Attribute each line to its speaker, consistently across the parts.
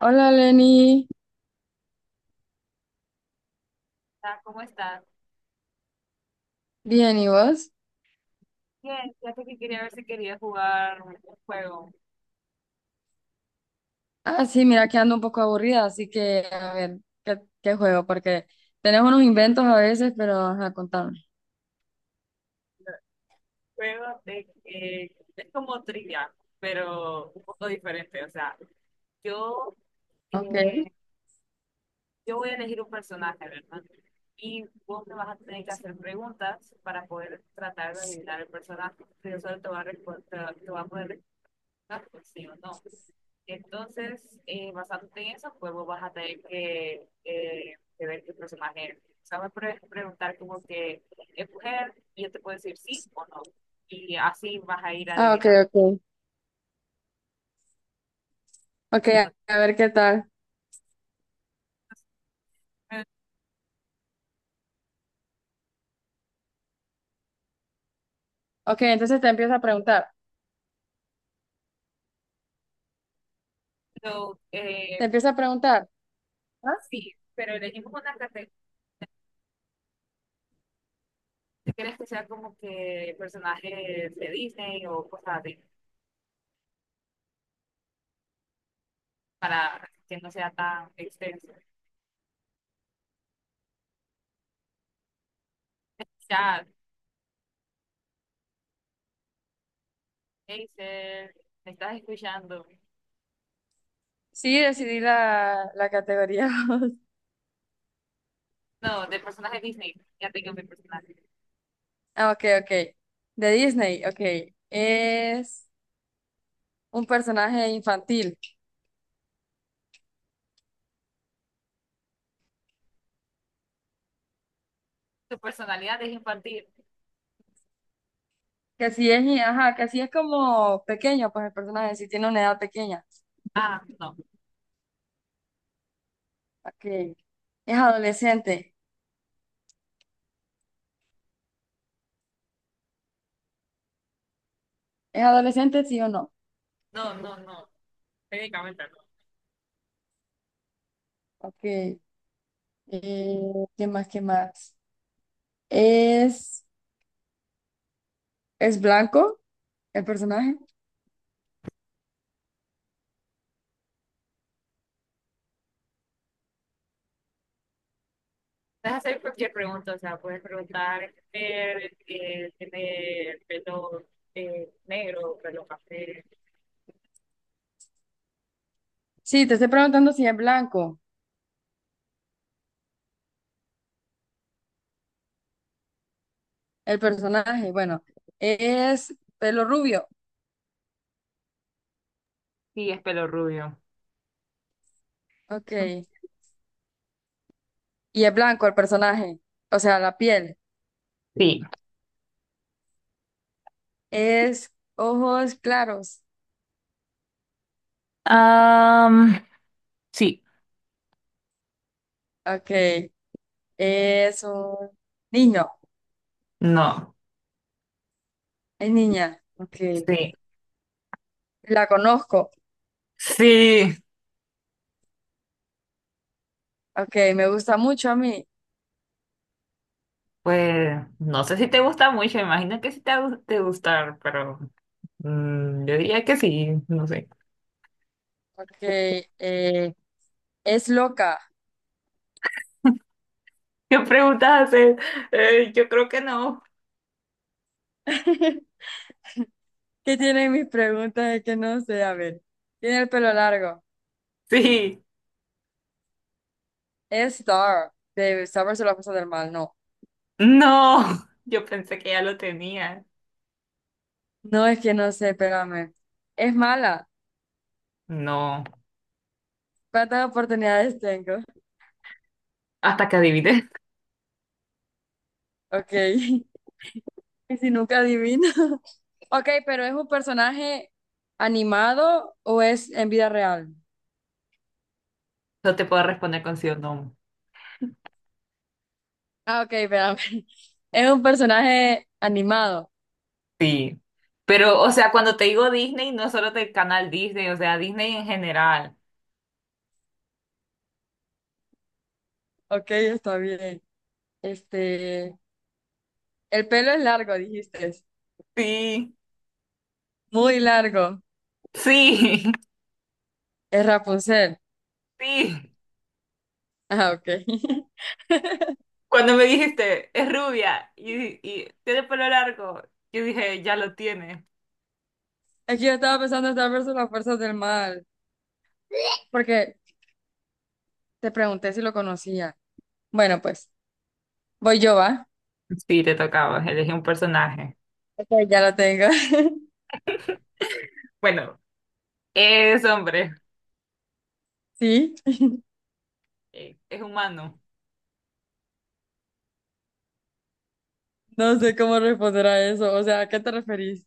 Speaker 1: Hola Lenny,
Speaker 2: ¿Cómo estás?
Speaker 1: bien, ¿y vos?
Speaker 2: Bien, fíjate que quería ver si quería jugar un juego. Un
Speaker 1: Ah, sí, mira que ando un poco aburrida, así que a ver, ¿qué juego? Porque tenemos unos inventos a veces, pero ajá, contame.
Speaker 2: Juego de, es como trivia, pero un poco diferente. O sea, yo, eh,
Speaker 1: Ok.
Speaker 2: yo voy a elegir un personaje, ¿verdad? Y vos me vas a tener que hacer preguntas para poder tratar de adivinar el personaje. Pero solo te va a, te va a poder responder pues, sí o no. Entonces, basándote en eso, pues vos vas a tener que ver qué personaje eres. O sea, me puedes preguntar como que es mujer y yo te puedo decir sí o no. Y así vas a ir
Speaker 1: Ah, ok,
Speaker 2: adivinando.
Speaker 1: ok. Ok,
Speaker 2: Bueno,
Speaker 1: a ver qué tal. Ok, entonces te empiezo a preguntar.
Speaker 2: pero,
Speaker 1: Te empiezo a preguntar. ¿Ah?
Speaker 2: sí, pero elegimos una categoría. ¿Quieres que sea como que personajes de Disney o cosas así? Para que no sea tan extenso. Chat, Acer, ¿me estás escuchando?
Speaker 1: Sí, decidí la categoría.
Speaker 2: No, de personaje Disney. Ya tengo mi personaje.
Speaker 1: Ah, ok, ok. De Disney, ok. Es un personaje infantil.
Speaker 2: Su personalidad es infantil.
Speaker 1: Que sí es, ajá, que sí es como pequeño, pues el personaje sí tiene una edad pequeña.
Speaker 2: Ah,
Speaker 1: Ok. ¿Es adolescente? ¿Es adolescente, sí o no?
Speaker 2: no, técnicamente no.
Speaker 1: Ok. ¿Qué más? ¿Qué más? ¿Es, es blanco el personaje?
Speaker 2: Puedes hacer cualquier pregunta, o sea, puedes preguntar, ¿tiene pelo negro, pelo café?
Speaker 1: Sí, te estoy preguntando si es blanco el personaje. Bueno, es pelo rubio.
Speaker 2: Sí, es pelo rubio.
Speaker 1: Ok. Y es blanco el personaje. O sea, la piel.
Speaker 2: Sí.
Speaker 1: Es ojos claros.
Speaker 2: Am, sí.
Speaker 1: Ok. Es un niño.
Speaker 2: No.
Speaker 1: Es niña. Ok.
Speaker 2: Sí.
Speaker 1: La conozco.
Speaker 2: Sí.
Speaker 1: Ok. Me gusta mucho a mí.
Speaker 2: Pues no sé si te gusta mucho, imagino que sí te va a gustar, pero yo diría que sí, no sé.
Speaker 1: Ok, es loca.
Speaker 2: ¿Qué preguntas haces? Yo creo que no.
Speaker 1: ¿Qué tiene mis preguntas? Es que no sé, a ver. Tiene el pelo largo.
Speaker 2: Sí.
Speaker 1: Es Star, de Star versus las fuerzas del mal, no.
Speaker 2: No, yo pensé que ya lo tenía.
Speaker 1: No es que no sé, espérame. Es mala.
Speaker 2: No,
Speaker 1: ¿Cuántas oportunidades tengo?
Speaker 2: hasta que adivines,
Speaker 1: Ok. Y si nunca adivino. Ok, pero ¿es un personaje animado o es en vida real?
Speaker 2: no te puedo responder con sí o no.
Speaker 1: Ah, ok, espérame. Es un personaje animado.
Speaker 2: Sí. Pero, o sea, cuando te digo Disney, no solo del canal Disney, o sea, Disney en general.
Speaker 1: Ok, está bien. Este. El pelo es largo, dijiste.
Speaker 2: Sí,
Speaker 1: Muy largo.
Speaker 2: sí,
Speaker 1: Es Rapunzel.
Speaker 2: sí.
Speaker 1: Ah, ok.
Speaker 2: Cuando me dijiste, es rubia y tiene pelo largo, yo dije, ya lo tiene.
Speaker 1: Es que yo estaba pensando en Star versus las fuerzas del mal. Porque te pregunté si lo conocía. Bueno, pues, voy yo, ¿va?
Speaker 2: Sí, te tocaba, elegí un personaje.
Speaker 1: Ok, ya lo tengo.
Speaker 2: Bueno, es hombre,
Speaker 1: Sí.
Speaker 2: es humano.
Speaker 1: No sé cómo responder a eso. O sea, ¿a qué te referís?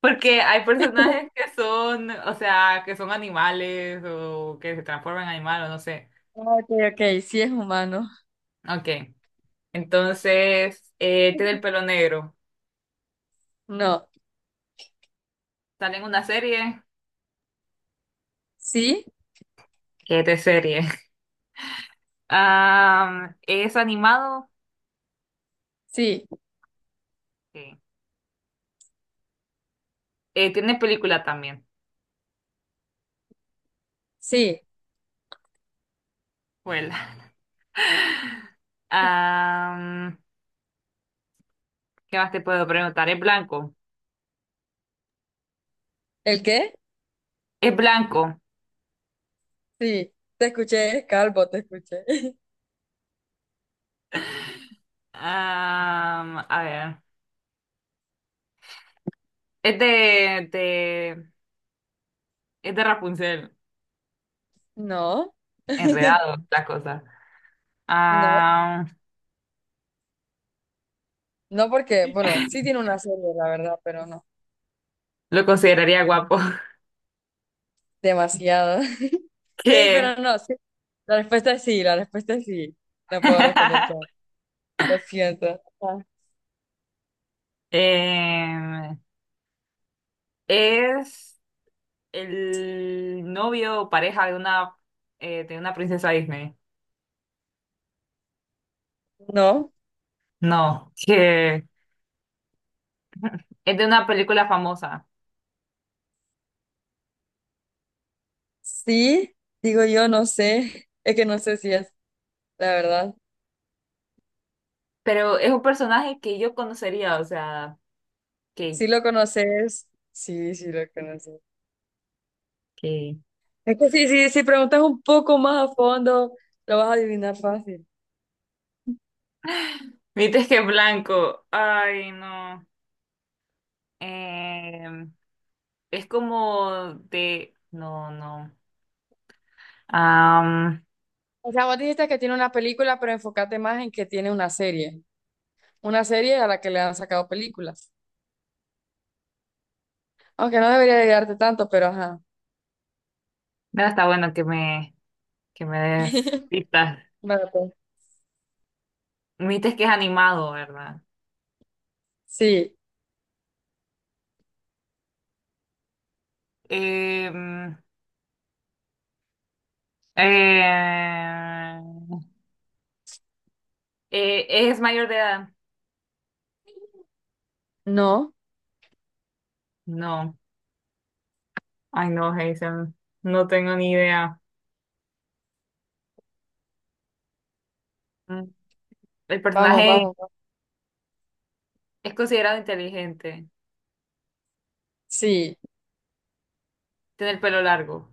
Speaker 2: Porque hay personajes que son, o sea, que son animales o que se transforman en animal o no sé.
Speaker 1: Ah, ok, ok. Sí es humano.
Speaker 2: Ok. Entonces, tiene el pelo negro.
Speaker 1: No.
Speaker 2: Sale en una serie.
Speaker 1: Sí,
Speaker 2: ¿Qué de serie? ¿Es animado?
Speaker 1: sí,
Speaker 2: Sí. Tiene película también.
Speaker 1: sí.
Speaker 2: Huela. Am, ¿Qué más te puedo preguntar? ¿Es blanco?
Speaker 1: ¿El qué?
Speaker 2: Es blanco.
Speaker 1: Sí. Te escuché, calvo, te escuché.
Speaker 2: A ver. Es es de Rapunzel.
Speaker 1: No.
Speaker 2: Enredado, la cosa.
Speaker 1: No.
Speaker 2: Ah,
Speaker 1: No porque, bueno, sí tiene una serie, la verdad, pero no.
Speaker 2: lo consideraría guapo,
Speaker 1: Demasiado. Ey,
Speaker 2: que
Speaker 1: pero no, sí. La respuesta es sí, la respuesta es sí. No puedo responder con, lo siento. Ah,
Speaker 2: em, es el novio o pareja de una princesa Disney.
Speaker 1: no,
Speaker 2: No, que es de una película famosa,
Speaker 1: sí, digo yo, no sé. Es que no sé si es, la verdad.
Speaker 2: pero es un personaje que yo conocería, o sea, que,
Speaker 1: Si lo conoces, sí, sí lo conoces.
Speaker 2: que...
Speaker 1: Es que sí, sí, si preguntas un poco más a fondo, lo vas a adivinar fácil.
Speaker 2: Viste que es blanco, ay no, Em, es como de, no, no, Am,
Speaker 1: O sea, vos dijiste que tiene una película, pero enfócate más en que tiene una serie. Una serie a la que le han sacado películas. Aunque no debería ayudarte tanto, pero ajá.
Speaker 2: no está bueno que me des pistas.
Speaker 1: Vale, pues.
Speaker 2: Me dijiste que es animado, ¿verdad?
Speaker 1: Sí,
Speaker 2: Eh, mm, eh, ¿Es mayor de edad?
Speaker 1: no.
Speaker 2: No. Ay, no, Jason. No tengo ni idea. Mm, El
Speaker 1: Vamos,
Speaker 2: personaje sí.
Speaker 1: vamos, vamos.
Speaker 2: Es considerado inteligente.
Speaker 1: Sí,
Speaker 2: Tiene el pelo largo.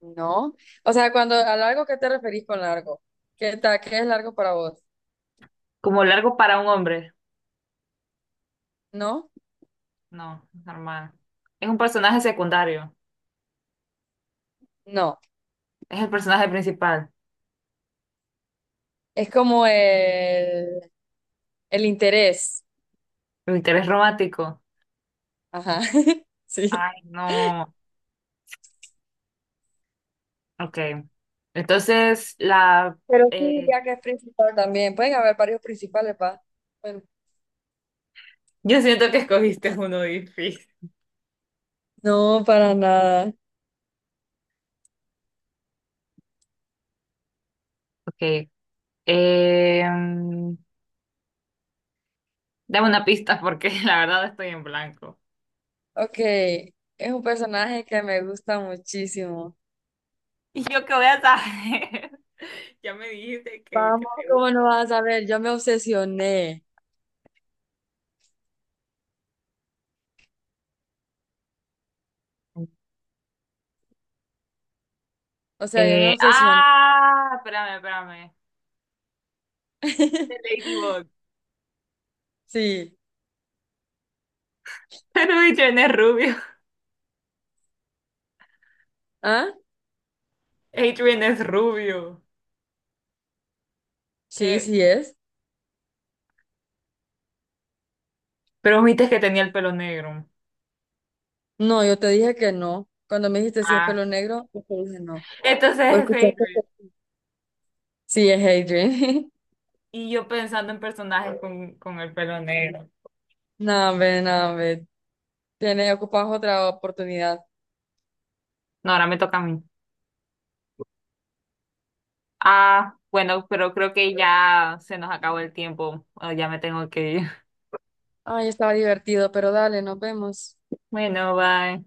Speaker 1: no. O sea, cuando a largo, ¿qué te referís con largo? ¿Qué tal? ¿Qué es largo para vos?
Speaker 2: Como largo para un hombre.
Speaker 1: No,
Speaker 2: No, normal. Es un personaje secundario.
Speaker 1: no.
Speaker 2: Es el personaje principal.
Speaker 1: Es como el interés.
Speaker 2: El interés romántico.
Speaker 1: Ajá. Sí.
Speaker 2: Ay, no. Ok. Entonces, la...
Speaker 1: Pero sí,
Speaker 2: eh,
Speaker 1: ya que es principal también. Pueden haber varios principales, pa. Bueno.
Speaker 2: yo siento que escogiste uno difícil.
Speaker 1: No, para nada.
Speaker 2: Ok. Em, dame una pista porque la verdad estoy en blanco.
Speaker 1: Ok. Es un personaje que me gusta muchísimo.
Speaker 2: ¿Y yo qué voy a saber? Ya me dijiste que
Speaker 1: Vamos,
Speaker 2: te
Speaker 1: ¿cómo no vas a ver? Yo me obsesioné.
Speaker 2: gusta.
Speaker 1: O sea, yo me obsesioné.
Speaker 2: Espérame, espérame. The Ladybug.
Speaker 1: Sí.
Speaker 2: Pero Adrian es rubio.
Speaker 1: ¿Ah?
Speaker 2: Adrian es rubio.
Speaker 1: Sí,
Speaker 2: ¿Qué?
Speaker 1: sí es.
Speaker 2: Pero viste que tenía el pelo negro.
Speaker 1: No, yo te dije que no. Cuando me dijiste si es
Speaker 2: Ah,
Speaker 1: pelo negro, yo te dije no.
Speaker 2: entonces
Speaker 1: ¿O
Speaker 2: es Adrian.
Speaker 1: escuchaste que- Sí, es Adrian.
Speaker 2: Y yo pensando en personajes con el pelo negro.
Speaker 1: No, hombre, no, hombre. Tiene, ocupas otra oportunidad.
Speaker 2: No, ahora me toca a mí. Ah, bueno, pero creo que ya se nos acabó el tiempo. Ah, ya me tengo que ir.
Speaker 1: Ay, estaba divertido, pero dale, nos vemos.
Speaker 2: Bueno, bye.